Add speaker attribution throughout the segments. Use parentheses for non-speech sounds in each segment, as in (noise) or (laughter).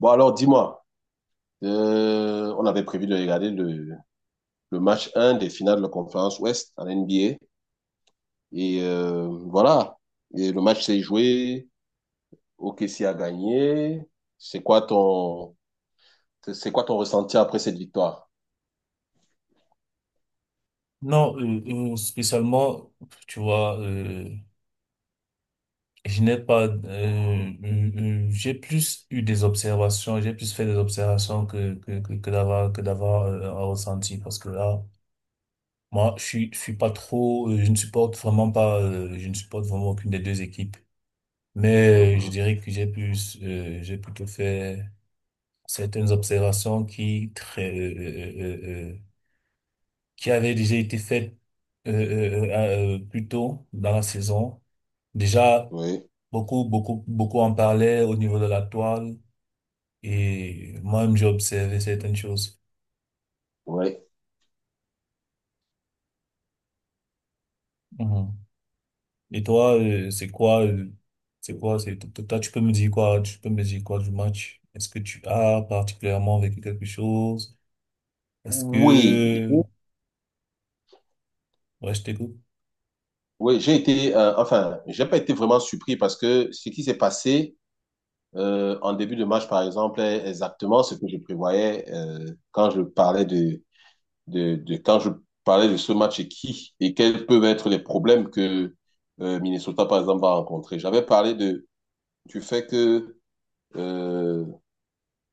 Speaker 1: Bon, alors dis-moi, on avait prévu de regarder le match un des finales de la conférence Ouest en NBA. Voilà, et le match s'est joué, OKC a gagné. C'est quoi ton, c'est quoi ton ressenti après cette victoire?
Speaker 2: Non, spécialement, tu vois, je n'ai pas, euh, j'ai plus eu des observations, j'ai plus fait des observations que d'avoir un ressenti, parce que là, moi, je suis pas trop, je ne supporte vraiment pas, je ne supporte vraiment aucune des deux équipes, mais je
Speaker 1: Mhm.
Speaker 2: dirais que j'ai plus, j'ai plutôt fait certaines observations qui très euh, euh, qui avait déjà été faite plus tôt dans la saison. Déjà,
Speaker 1: Oui,
Speaker 2: beaucoup, beaucoup, beaucoup en parlaient au niveau de la toile et moi-même, j'ai observé certaines choses.
Speaker 1: oui.
Speaker 2: Mhm. Et toi, c'est quoi, toi, tu peux me dire quoi, tu peux me dire quoi du match? Est-ce que tu as particulièrement vécu quelque chose? Est-ce
Speaker 1: Oui,
Speaker 2: que, ouais, je t'écoute.
Speaker 1: oui, j'ai été, enfin, j'ai pas été vraiment surpris parce que ce qui s'est passé en début de match, par exemple, est exactement ce que je prévoyais quand je parlais de quand je parlais de ce match et qui et quels peuvent être les problèmes que Minnesota, par exemple, va rencontrer. J'avais parlé de, du fait que euh,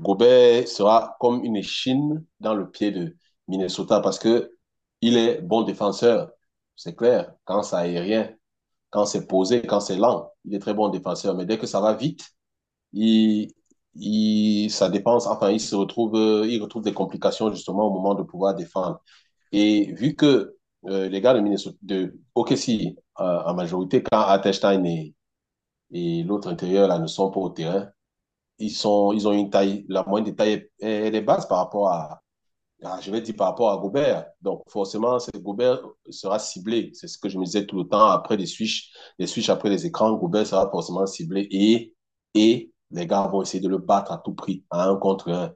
Speaker 1: Gobert sera comme une échine dans le pied de Minnesota parce que il est bon défenseur, c'est clair, quand c'est aérien, quand c'est posé, quand c'est lent, il est très bon défenseur. Mais dès que ça va vite, il, ça dépense, enfin, il se retrouve, il retrouve des complications justement au moment de pouvoir défendre. Et vu que les gars de Minnesota, de OKC, en majorité, quand Hartenstein et l'autre intérieur là, ne sont pas au terrain, ils ont une taille, la moyenne de taille est basse par rapport à, ah, je vais dire par rapport à Gobert. Donc, forcément, Gobert sera ciblé. C'est ce que je me disais tout le temps. Après les switches après les écrans, Gobert sera forcément ciblé et les gars vont essayer de le battre à tout prix, à un contre un.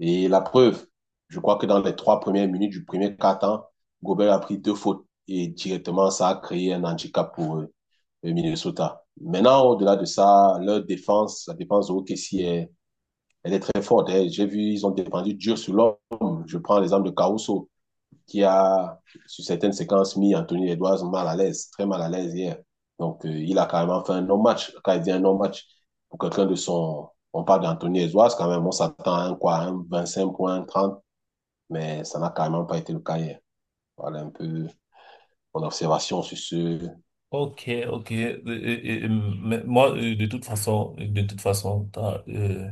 Speaker 1: Et la preuve, je crois que dans les trois premières minutes du premier quart-temps, Gobert a pris deux fautes et directement, ça a créé un handicap pour le Minnesota. Maintenant, au-delà de ça, leur défense, la défense de OKC est elle est très forte, hein. J'ai vu, ils ont dépendu dur sur l'homme. Je prends l'exemple de Caruso, qui a, sur certaines séquences, mis Anthony Edwards mal à l'aise, très mal à l'aise hier. Donc, il a carrément fait un non-match. Quand il dit un non-match, pour quelqu'un de son. On parle d'Anthony Edwards, quand même, on s'attend à un, quoi, un 25 points, 30, mais ça n'a carrément pas été le cas hier. Voilà un peu mon observation sur ce.
Speaker 2: Ok, ok. Mais moi, de toute façon, t'as,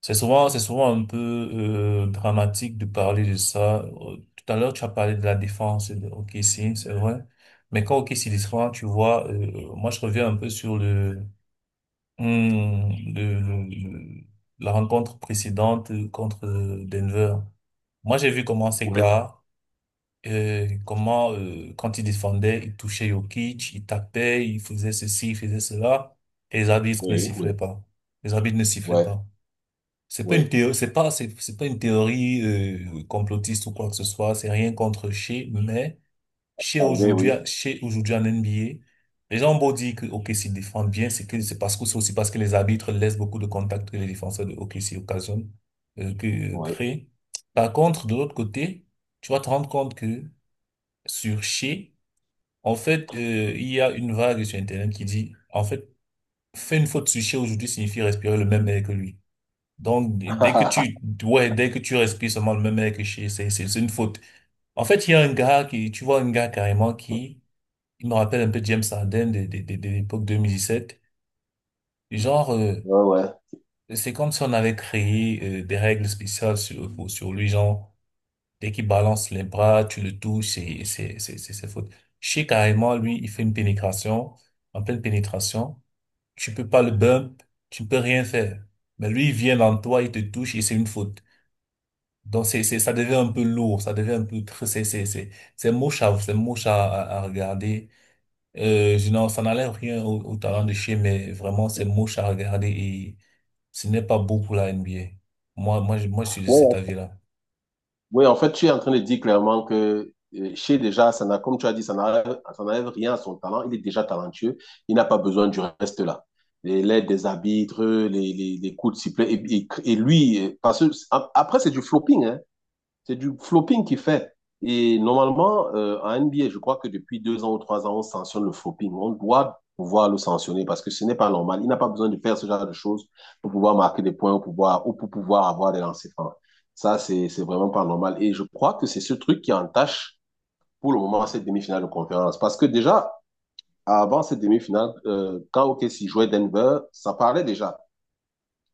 Speaker 2: c'est souvent, c'est souvent un peu dramatique de parler de ça. Tout à l'heure, tu as parlé de la défense de OKC, c'est vrai. Mais quand OKC défend, tu vois, moi je reviens un peu sur le- la rencontre précédente contre Denver. Moi, j'ai vu comment ces
Speaker 1: Oui.
Speaker 2: gars, comment quand ils défendaient, ils touchaient Jokic, ils tapaient, ils faisaient ceci, ils faisaient cela, et les arbitres ne
Speaker 1: Oui,
Speaker 2: sifflaient
Speaker 1: oui,
Speaker 2: pas. Les arbitres ne sifflaient
Speaker 1: ouais,
Speaker 2: pas.
Speaker 1: oui.
Speaker 2: C'est pas une théorie complotiste ou quoi que ce soit. C'est rien contre Shea, mais
Speaker 1: Ah, oui, oui,
Speaker 2: Shea aujourd'hui en NBA, les gens ont beau dire que OKC défend bien, c'est que c'est parce que c'est aussi parce que les arbitres laissent beaucoup de contacts que les défenseurs de OKC occasionnent, que
Speaker 1: oui.
Speaker 2: créent. Par contre, de l'autre côté, tu vas te rendre compte que sur Shea, en fait, il y a une vague sur Internet qui dit, en fait, faire une faute sur Shea aujourd'hui signifie respirer le même air que lui. Donc,
Speaker 1: (laughs)
Speaker 2: dès que tu respires seulement le même air que chez, c'est une faute. En fait, il y a un gars qui, tu vois, un gars carrément qui, il me rappelle un peu James Harden de l'époque 2017. Genre,
Speaker 1: Ouais, ouais.
Speaker 2: c'est comme si on avait créé des règles spéciales sur lui, genre, dès qu'il balance les bras, tu le touches, c'est faute. Chez carrément, lui, il fait une pénétration, en pleine pénétration, tu peux pas le bump, tu peux rien faire. Mais lui, il vient dans toi, il te touche et c'est une faute. Donc ça devient un peu lourd, ça devient un peu tr- c'est moche à c'est moche à regarder. Je n'en Ça n'enlève rien au talent de chez, mais vraiment c'est moche à regarder et ce n'est pas beau pour la NBA. Moi je suis de cet
Speaker 1: Ouais,
Speaker 2: avis-là.
Speaker 1: oui, en fait, tu es en train de dire clairement que Shea, déjà, ça n'a, comme tu as dit, ça n'enlève rien à son talent. Il est déjà talentueux. Il n'a pas besoin du reste là. L'aide des arbitres, les coups de sifflet. Et lui, parce que après, c'est du flopping, hein. C'est du flopping qu'il fait. Et normalement, en NBA, je crois que depuis deux ans ou trois ans, on sanctionne le flopping. On doit pouvoir le sanctionner parce que ce n'est pas normal. Il n'a pas besoin de faire ce genre de choses pour pouvoir marquer des points ou pour pouvoir avoir des lancers francs. Ça, c'est vraiment pas normal. Et je crois que c'est ce truc qui entache pour le moment cette demi-finale de conférence. Parce que déjà, avant cette demi-finale, quand OKC jouait Denver, ça parlait déjà.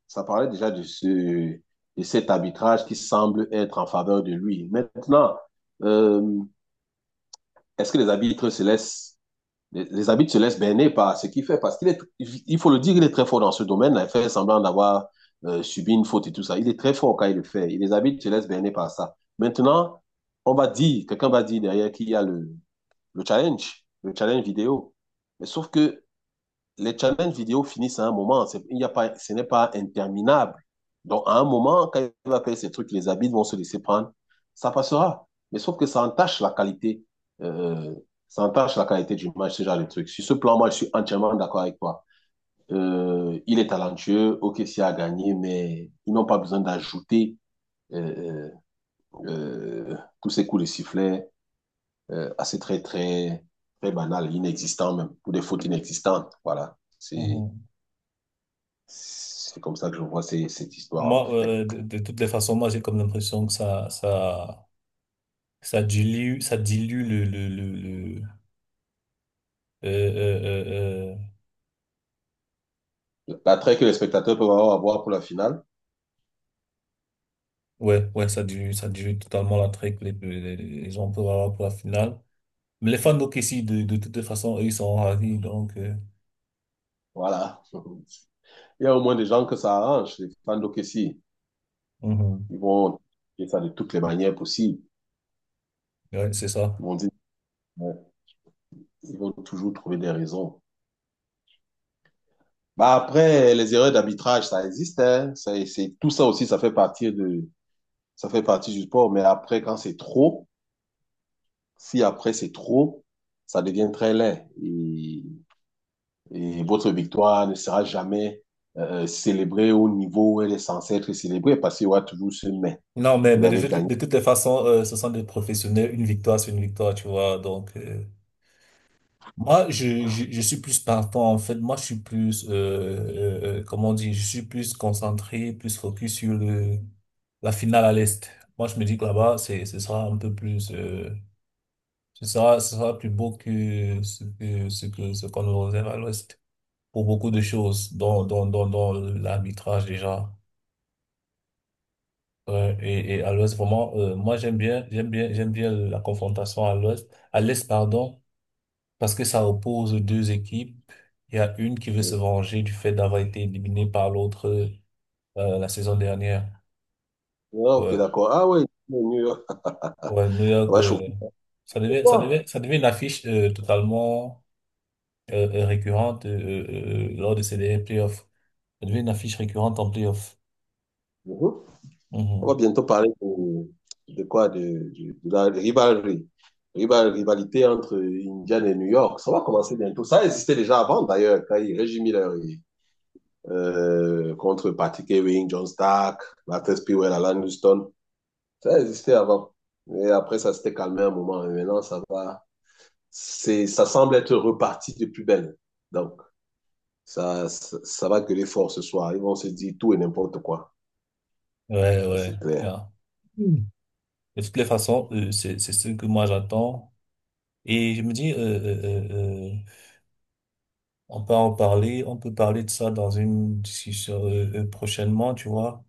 Speaker 1: Ça parlait déjà de, ce, de cet arbitrage qui semble être en faveur de lui. Maintenant, euh, est-ce que les arbitres se laissent berner par ce qu'il fait, parce qu'il est, il faut le dire, il est très fort dans ce domaine là, il fait semblant d'avoir subi une faute et tout ça, il est très fort quand il le fait et les arbitres se laissent berner par ça. Maintenant, on va dire, quelqu'un va dire derrière qu'il y a le challenge, le challenge vidéo, mais sauf que les challenges vidéo finissent à un moment. Il y a pas, ce n'est pas interminable. Donc, à un moment, quand il va faire ces trucs, les habits vont se laisser prendre. Ça passera. Mais sauf que ça entache la qualité. Euh, Ça entache la qualité du match, ce genre de trucs. Sur ce plan, moi, je suis entièrement d'accord avec toi. Il est talentueux, ok, c'est à gagner, mais ils n'ont pas besoin d'ajouter euh, tous ces coups de sifflet à ces très, très, très banal, inexistant même, ou des fautes inexistantes. Voilà.
Speaker 2: Mhm.
Speaker 1: C'est comme ça que je vois cette histoire, en
Speaker 2: Moi
Speaker 1: fait.
Speaker 2: de toutes les façons moi j'ai comme l'impression que ça dilue le euh, euh, euh, euh,
Speaker 1: L'attrait que les spectateurs peuvent avoir pour la finale,
Speaker 2: ouais ouais ça dilue totalement l'attrait que les gens peuvent avoir pour la finale. Les fans ici, de toutes les façons, eux, ils sont ravis, donc,
Speaker 1: voilà. (laughs) Il y a au moins des gens que ça arrange, les fans d'OKC.
Speaker 2: mhm.
Speaker 1: Ils vont faire ça de toutes les manières possibles.
Speaker 2: Ouais, c'est
Speaker 1: Ils
Speaker 2: ça.
Speaker 1: vont dire, euh, ils vont toujours trouver des raisons. Bah après, les erreurs d'arbitrage, ça existe, hein. C'est, tout ça aussi, ça fait partie de, ça fait partie du sport. Mais après, quand c'est trop, si après c'est trop, ça devient très laid. Et votre victoire ne sera jamais célébrée au niveau où elle est censée être célébrée parce qu'il y aura toujours ce mais.
Speaker 2: Non, mais,
Speaker 1: Vous
Speaker 2: mais de,
Speaker 1: avez
Speaker 2: toutes-
Speaker 1: gagné.
Speaker 2: de toutes les façons, ce sont des professionnels, une victoire, c'est une victoire, tu vois, donc, moi, je suis plus partant, en fait, moi, je suis plus, comment on dit, je suis plus concentré, plus focus sur le, la finale à l'Est. Moi, je me dis que là-bas, ce sera un peu plus, ce sera plus beau que ce qu'on nous réserve à l'Ouest. Pour beaucoup de choses, dont l'arbitrage déjà. Et à l'Ouest, vraiment, moi j'aime bien la confrontation à l'Ouest, à l'Est, pardon, parce que ça oppose deux équipes. Il y a une qui veut se venger du fait d'avoir été éliminée par l'autre la saison dernière.
Speaker 1: Ah, ok,
Speaker 2: Ouais,
Speaker 1: d'accord. Ah oui, New York.
Speaker 2: ouais, New
Speaker 1: On
Speaker 2: York,
Speaker 1: va chauffer le soir.
Speaker 2: ça devait une affiche totalement récurrente lors de ces derniers playoffs. Ça devait une affiche récurrente en playoffs.
Speaker 1: Mhm. On va
Speaker 2: Mhm.
Speaker 1: bientôt parler de quoi? De, de la rivalité. Rivalité entre Indiana et New York. Ça va commencer bientôt. Ça existait déjà avant, d'ailleurs, quand il Reggie Miller et, contre Patrick Ewing, John Stark, Latrell Sprewell, Alan Houston. Ça existait avant. Et après, ça s'était calmé un moment. Mais maintenant, ça va. C'est, ça semble être reparti de plus belle. Donc, ça va gueuler fort ce soir. Ils vont se dire tout et n'importe quoi.
Speaker 2: Ouais,
Speaker 1: Ça,
Speaker 2: ouais.
Speaker 1: c'est clair.
Speaker 2: Yeah. Mm. De toutes les façons, c'est ce que moi j'attends. Et je me dis, euh, euh, on peut en parler, on peut parler de ça dans une discussion prochainement, tu vois.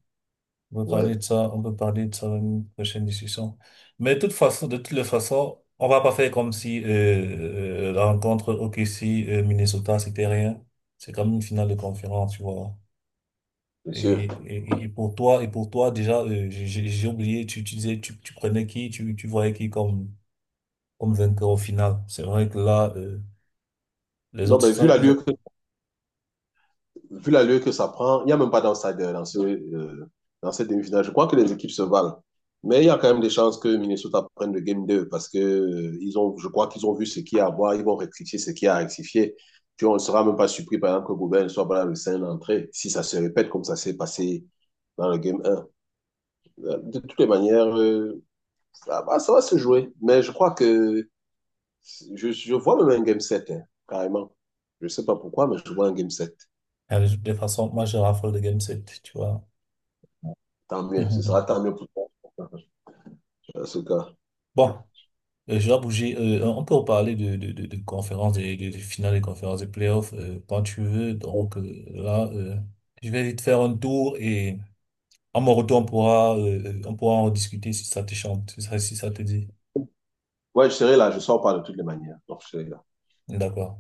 Speaker 2: On peut
Speaker 1: Ouais,
Speaker 2: parler de ça, on peut parler de ça dans une prochaine discussion. Mais de toutes les façons, on va pas faire comme si la rencontre OKC Minnesota c'était rien. C'est comme une finale de conférence, tu vois. Et,
Speaker 1: monsieur.
Speaker 2: et, et pour toi, et pour toi, déjà, j'ai oublié, tu disais, tu prenais qui, tu voyais qui comme, comme vainqueur au final. C'est vrai que là, les
Speaker 1: Non,
Speaker 2: autres,
Speaker 1: mais
Speaker 2: ils ont,
Speaker 1: vu la lieu que ça prend, il n'y a même pas d'outsider dans, ce, dans cette demi-finale. Je crois que les équipes se valent. Mais il y a quand même des chances que Minnesota prenne le game 2 parce que ils ont, je crois qu'ils ont vu ce qu'il y a à voir, ils vont rectifier ce qu'il y a à rectifier. Puis on ne sera même pas surpris, par exemple, que Gobert ne soit pas là le 5 d'entrée, si ça se répète comme ça s'est passé dans le game un. De toutes les manières, ça va se jouer. Mais je crois que je vois même un game sept, hein, carrément. Je ne sais pas pourquoi, mais je vois un game 7.
Speaker 2: Ah, de toute façon, moi, je raffole de Game 7, tu vois.
Speaker 1: Tant mieux, ce sera
Speaker 2: (laughs)
Speaker 1: tant mieux pour toi. Asuka.
Speaker 2: Bon, je dois bouger. On peut parler de conférences, des finales des conférences des playoffs, quand tu veux. Donc, je vais vite faire un tour et à mon retour, on pourra en discuter si ça te chante, si ça te dit.
Speaker 1: Ouais, je serai là, je sors pas de toutes les manières. Donc, je serai
Speaker 2: D'accord.